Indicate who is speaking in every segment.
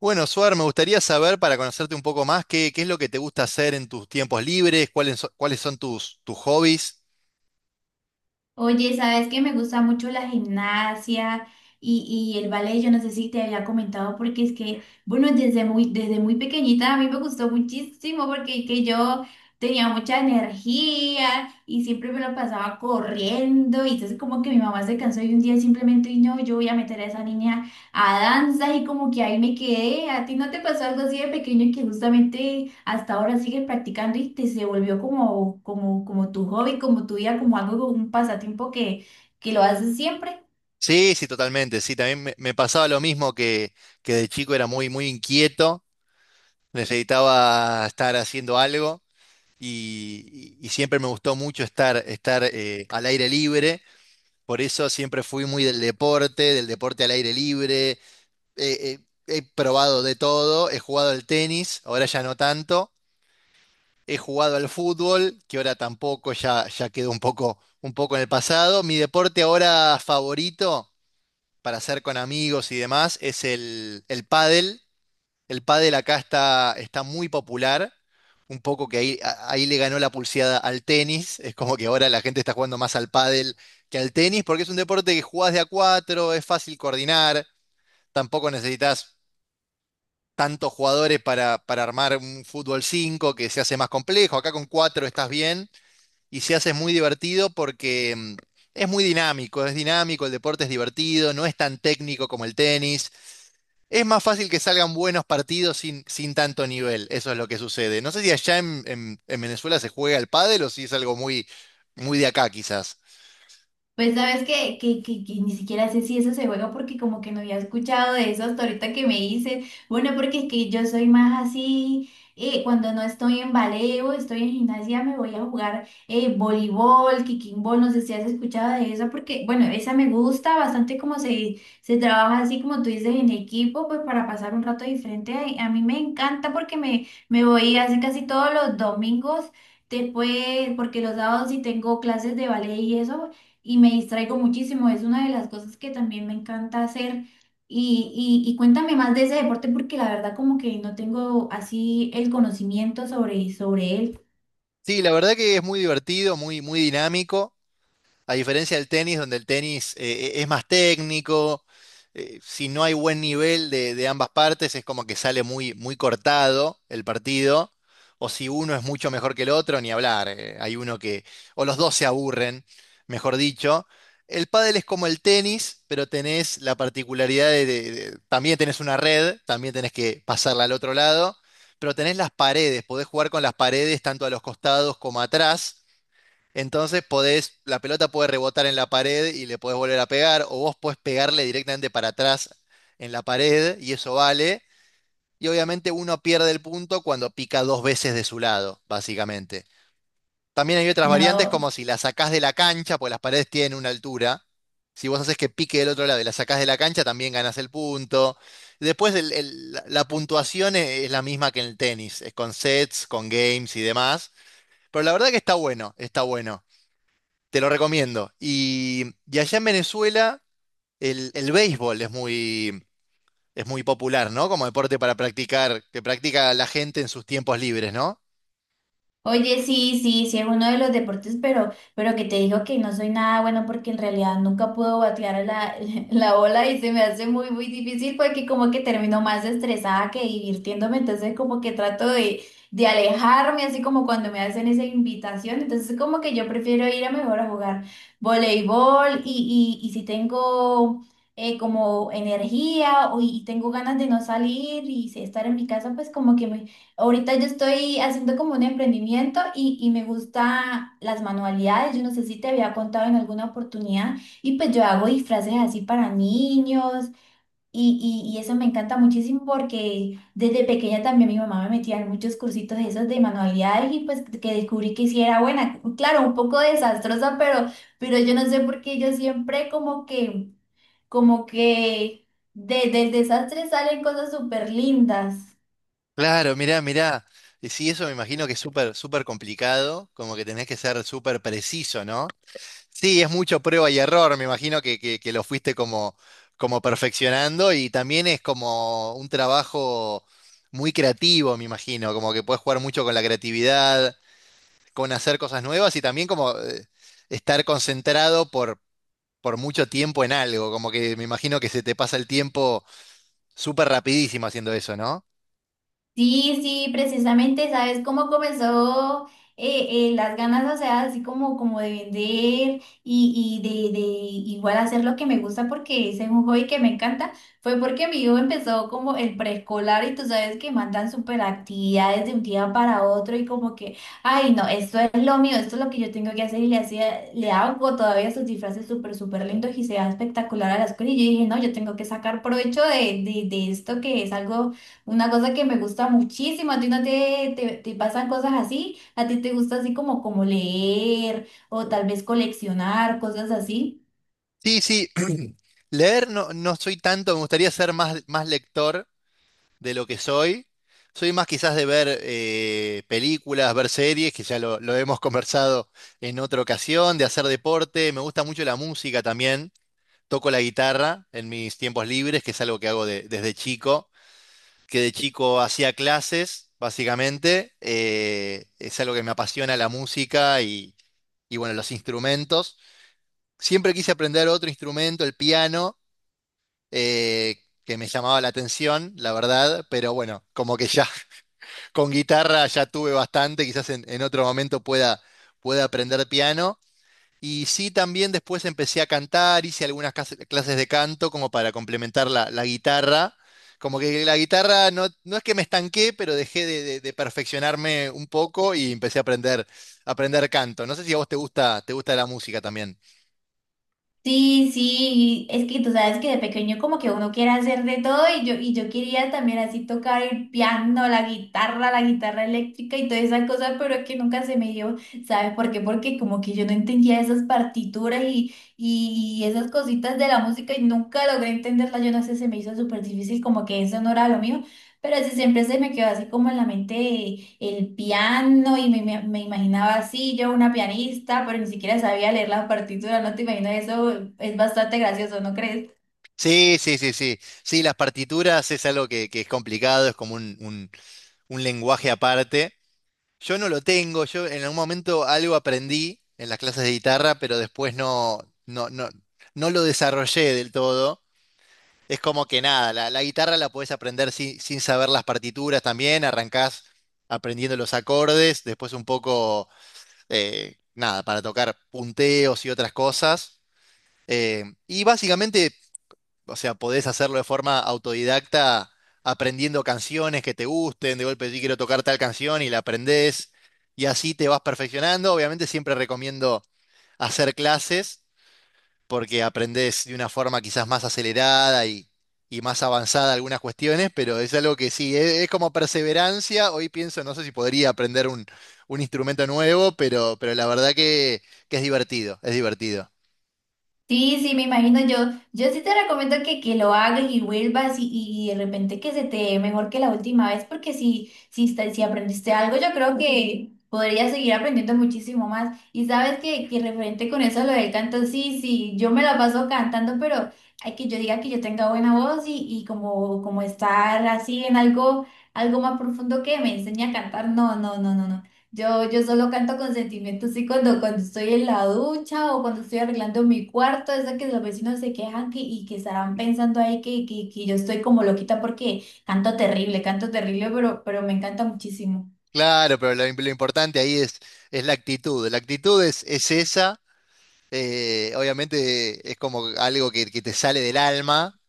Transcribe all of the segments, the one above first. Speaker 1: Bueno, Suar, me gustaría saber, para conocerte un poco más, qué es lo que te gusta hacer en tus tiempos libres, cuáles son tus hobbies.
Speaker 2: Oye, sabes que me gusta mucho la gimnasia y el ballet. Yo no sé si te había comentado porque es que, bueno, desde muy pequeñita a mí me gustó muchísimo porque es que yo tenía mucha energía y siempre me lo pasaba corriendo, y entonces como que mi mamá se cansó y un día simplemente, y no, yo voy a meter a esa niña a danza, y como que ahí me quedé. ¿A ti no te pasó algo así de pequeño, que justamente hasta ahora sigues practicando y te se volvió como, como tu hobby, como tu vida, como algo, como un pasatiempo que lo haces siempre?
Speaker 1: Sí, sí, totalmente. Sí, también me pasaba lo mismo que de chico era muy inquieto, necesitaba estar haciendo algo y, y siempre me gustó mucho estar al aire libre. Por eso siempre fui muy del deporte al aire libre. Eh, eh, he probado de todo, he jugado al tenis, ahora ya no tanto. He jugado al fútbol, que ahora tampoco, ya quedó un poco en el pasado. Mi deporte ahora favorito para hacer con amigos y demás es el pádel. El pádel acá está muy popular, un poco que ahí, ahí le ganó la pulseada al tenis. Es como que ahora la gente está jugando más al pádel que al tenis, porque es un deporte que jugás de a cuatro, es fácil coordinar, tampoco necesitas tantos jugadores para armar un fútbol 5 que se hace más complejo. Acá con cuatro estás bien y se hace muy divertido porque es muy dinámico, es dinámico, el deporte es divertido, no es tan técnico como el tenis. Es más fácil que salgan buenos partidos sin, sin tanto nivel, eso es lo que sucede. No sé si allá en, en Venezuela se juega el pádel o si es algo muy, muy de acá quizás.
Speaker 2: Pues sabes que, que ni siquiera sé si eso se juega, porque como que no había escuchado de eso hasta ahorita que me dices. Bueno, porque es que yo soy más así, cuando no estoy en ballet o estoy en gimnasia me voy a jugar voleibol, kicking ball, no sé si has escuchado de eso porque, bueno, esa me gusta bastante como se trabaja así como tú dices, en equipo, pues para pasar un rato diferente. A mí me encanta porque me voy así casi todos los domingos. Después, porque los sábados sí tengo clases de ballet y eso, y me distraigo muchísimo. Es una de las cosas que también me encanta hacer. Y cuéntame más de ese deporte, porque la verdad como que no tengo así el conocimiento sobre, sobre él.
Speaker 1: Sí, la verdad que es muy divertido, muy, muy dinámico. A diferencia del tenis, donde el tenis es más técnico, si no hay buen nivel de ambas partes, es como que sale muy, muy cortado el partido. O si uno es mucho mejor que el otro, ni hablar. Hay uno que, o los dos se aburren, mejor dicho. El pádel es como el tenis, pero tenés la particularidad de- también tenés una red, también tenés que pasarla al otro lado, pero tenés las paredes, podés jugar con las paredes tanto a los costados como atrás, entonces podés, la pelota puede rebotar en la pared y le podés volver a pegar, o vos podés pegarle directamente para atrás en la pared y eso vale. Y obviamente uno pierde el punto cuando pica dos veces de su lado, básicamente. También hay otras variantes
Speaker 2: No.
Speaker 1: como si la sacás de la cancha, pues las paredes tienen una altura. Si vos haces que pique del otro lado y la sacás de la cancha, también ganás el punto. Después la puntuación es la misma que en el tenis, es con sets, con games y demás. Pero la verdad que está bueno, está bueno. Te lo recomiendo. Y allá en Venezuela el béisbol es muy popular, ¿no? Como deporte para practicar, que practica la gente en sus tiempos libres, ¿no?
Speaker 2: Oye, sí, sí, sí, es uno de los deportes, pero que te digo que no soy nada bueno, porque en realidad nunca puedo batear la, la bola, y se me hace muy, muy difícil porque como que termino más estresada que divirtiéndome. Entonces como que trato de alejarme, así como cuando me hacen esa invitación. Entonces como que yo prefiero ir a mejor a jugar voleibol, y si tengo como energía o, y tengo ganas de no salir y sí estar en mi casa, pues como que me... Ahorita yo estoy haciendo como un emprendimiento, y me gusta las manualidades. Yo no sé si te había contado en alguna oportunidad. Y pues yo hago disfraces así para niños, y eso me encanta muchísimo, porque desde pequeña también mi mamá me metía en muchos cursitos de esos de manualidades, y pues que descubrí que sí era buena. Claro, un poco desastrosa, pero yo no sé por qué yo siempre como que del desastre salen cosas súper lindas.
Speaker 1: Claro, mirá, mirá. Y sí, eso me imagino que es súper, súper complicado, como que tenés que ser súper preciso, ¿no? Sí, es mucho prueba y error, me imagino que lo fuiste como, como perfeccionando y también es como un trabajo muy creativo, me imagino, como que puedes jugar mucho con la creatividad con hacer cosas nuevas y también como estar concentrado por mucho tiempo en algo, como que me imagino que se te pasa el tiempo súper rapidísimo haciendo eso, ¿no?
Speaker 2: Sí, sí, precisamente, ¿sabes cómo comenzó las ganas, o sea, así como, como de vender y de igual hacer lo que me gusta, porque ese es un hobby que me encanta? Fue porque mi hijo empezó como el preescolar, y tú sabes que mandan súper actividades de un día para otro, y como que, ay, no, esto es lo mío, esto es lo que yo tengo que hacer. Y le hacía, le hago todavía sus disfraces súper, súper lindos, y se va espectacular a la escuela. Y yo dije, no, yo tengo que sacar provecho de, de esto, que es algo, una cosa que me gusta muchísimo. A ti no te, te, te pasan cosas así, a ti te gusta así como, como leer o tal vez coleccionar, cosas así.
Speaker 1: Sí, sí, leer no, no soy tanto, me gustaría ser más, más lector de lo que soy. Soy más quizás de ver películas, ver series, que ya lo hemos conversado en otra ocasión, de hacer deporte, me gusta mucho la música también, toco la guitarra en mis tiempos libres, que es algo que hago desde chico que de chico hacía clases, básicamente. Es algo que me apasiona la música y, bueno, los instrumentos. Siempre quise aprender otro instrumento, el piano, eh, que me llamaba la atención, la verdad, pero bueno, como que ya con guitarra ya tuve bastante, quizás en otro momento pueda, pueda aprender piano. Y sí, también después empecé a cantar, hice algunas clases de canto como para complementar la guitarra. Como que la guitarra no, no es que me estanqué, pero dejé de perfeccionarme un poco y empecé a aprender canto. No sé si a vos te gusta la música también.
Speaker 2: Sí, sí, es que tú sabes que de pequeño como que uno quiere hacer de todo, y yo quería también así tocar el piano, la guitarra eléctrica y todas esas cosas, pero es que nunca se me dio. ¿Sabes por qué? Porque como que yo no entendía esas partituras y esas cositas de la música, y nunca logré entenderla, yo no sé, se me hizo súper difícil, como que eso no era lo mío. Pero sí siempre se me quedó así como en la mente el piano, y me, me imaginaba así, yo una pianista, pero ni siquiera sabía leer la partitura. No te imaginas, eso es bastante gracioso, ¿no crees?
Speaker 1: Sí, sí, sí, sí. Sí, las partituras es algo que es complicado, es como un, un lenguaje aparte. Yo no lo tengo, yo en algún momento algo aprendí en las clases de guitarra, pero después no, no, no, no lo desarrollé del todo. Es como que nada, la guitarra la podés aprender sin, sin saber las partituras también, arrancás aprendiendo los acordes, después un poco, nada, para tocar punteos y otras cosas. Y básicamente, o sea, podés hacerlo de forma autodidacta aprendiendo canciones que te gusten, de golpe sí quiero tocar tal canción y la aprendés y así te vas perfeccionando. Obviamente siempre recomiendo hacer clases porque aprendés de una forma quizás más acelerada y más avanzada algunas cuestiones, pero es algo que sí, es como perseverancia. Hoy pienso, no sé si podría aprender un instrumento nuevo, pero la verdad que es divertido, es divertido.
Speaker 2: Sí, sí, me imagino. Yo sí te recomiendo que lo hagas y vuelvas, y de repente que se te dé mejor que la última vez, porque si, si, si aprendiste algo, yo creo que podrías seguir aprendiendo muchísimo más. Y sabes que referente con eso, lo del canto, sí, sí, yo me la paso cantando, pero hay que yo diga que yo tenga buena voz y como, como estar así en algo, algo más profundo que me enseñe a cantar. No, no, no, no, no. Yo solo canto con sentimientos, y cuando, cuando estoy en la ducha o cuando estoy arreglando mi cuarto, es de que los vecinos se quejan, que, y que estarán pensando ahí que yo estoy como loquita porque canto terrible, pero me encanta muchísimo.
Speaker 1: Claro, pero lo importante ahí es la actitud. La actitud es esa. Obviamente es como algo que te sale del alma,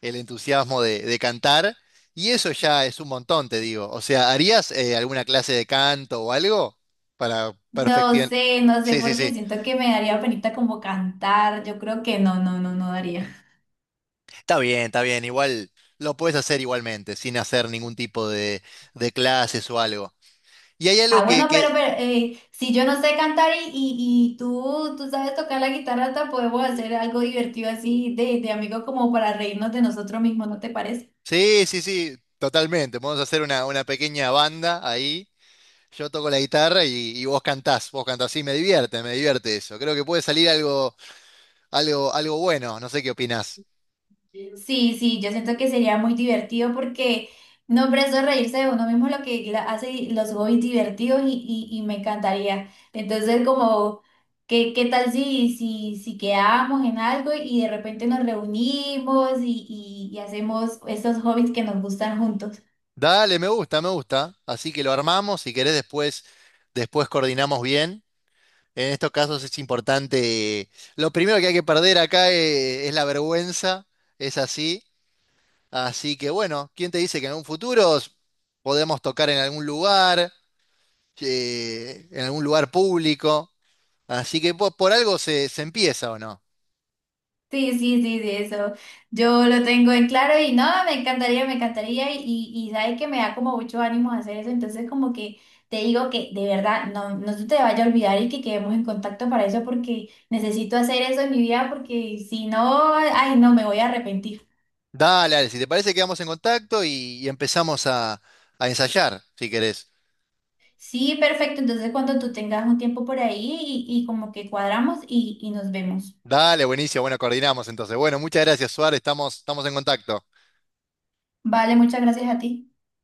Speaker 1: el entusiasmo de cantar, y eso ya es un montón, te digo. O sea, ¿harías alguna clase de canto o algo para
Speaker 2: No
Speaker 1: perfeccionar?
Speaker 2: sé, no sé
Speaker 1: Sí, sí,
Speaker 2: porque
Speaker 1: sí.
Speaker 2: siento que me daría penita como cantar, yo creo que no, no, no, no daría.
Speaker 1: Está bien, está bien. Igual lo puedes hacer igualmente, sin hacer ningún tipo de clases o algo. Y hay
Speaker 2: Ah,
Speaker 1: algo
Speaker 2: bueno,
Speaker 1: que...
Speaker 2: pero si yo no sé cantar y, y tú, tú sabes tocar la guitarra, hasta podemos hacer algo divertido así de amigo, como para reírnos de nosotros mismos, ¿no te parece?
Speaker 1: Sí, sí, sí, totalmente. Podemos hacer una pequeña banda ahí. Yo toco la guitarra y vos cantás y me divierte eso. Creo que puede salir algo, algo, algo bueno, no sé qué opinás.
Speaker 2: Sí, sí, yo siento que sería muy divertido porque, no, hombre, eso es reírse de uno mismo lo que hace los hobbies divertidos, y me encantaría. Entonces, como, ¿qué, qué tal si, si quedamos en algo, y de repente nos reunimos, y hacemos estos hobbies que nos gustan juntos?
Speaker 1: Dale, me gusta, me gusta. Así que lo armamos, si querés después, después coordinamos bien. En estos casos es importante. Lo primero que hay que perder acá es, la vergüenza, es así. Así que bueno, ¿quién te dice que en un futuro podemos tocar en algún lugar público? Así que algo se empieza, ¿o no?
Speaker 2: Sí, sí, sí, sí, eso. Yo lo tengo en claro y no, me encantaría, me encantaría, y sabe que me da como mucho ánimo hacer eso. Entonces como que te digo que de verdad no, no se te vaya a olvidar, y que quedemos en contacto para eso, porque necesito hacer eso en mi vida porque si no, ay, no, me voy a arrepentir.
Speaker 1: Dale, dale, si te parece, quedamos en contacto y empezamos a ensayar, si querés.
Speaker 2: Sí, perfecto. Entonces cuando tú tengas un tiempo por ahí, y como que cuadramos, y nos vemos.
Speaker 1: Dale, buenísimo, bueno, coordinamos entonces. Bueno, muchas gracias, Suárez, estamos, estamos en contacto.
Speaker 2: Vale, muchas gracias a ti.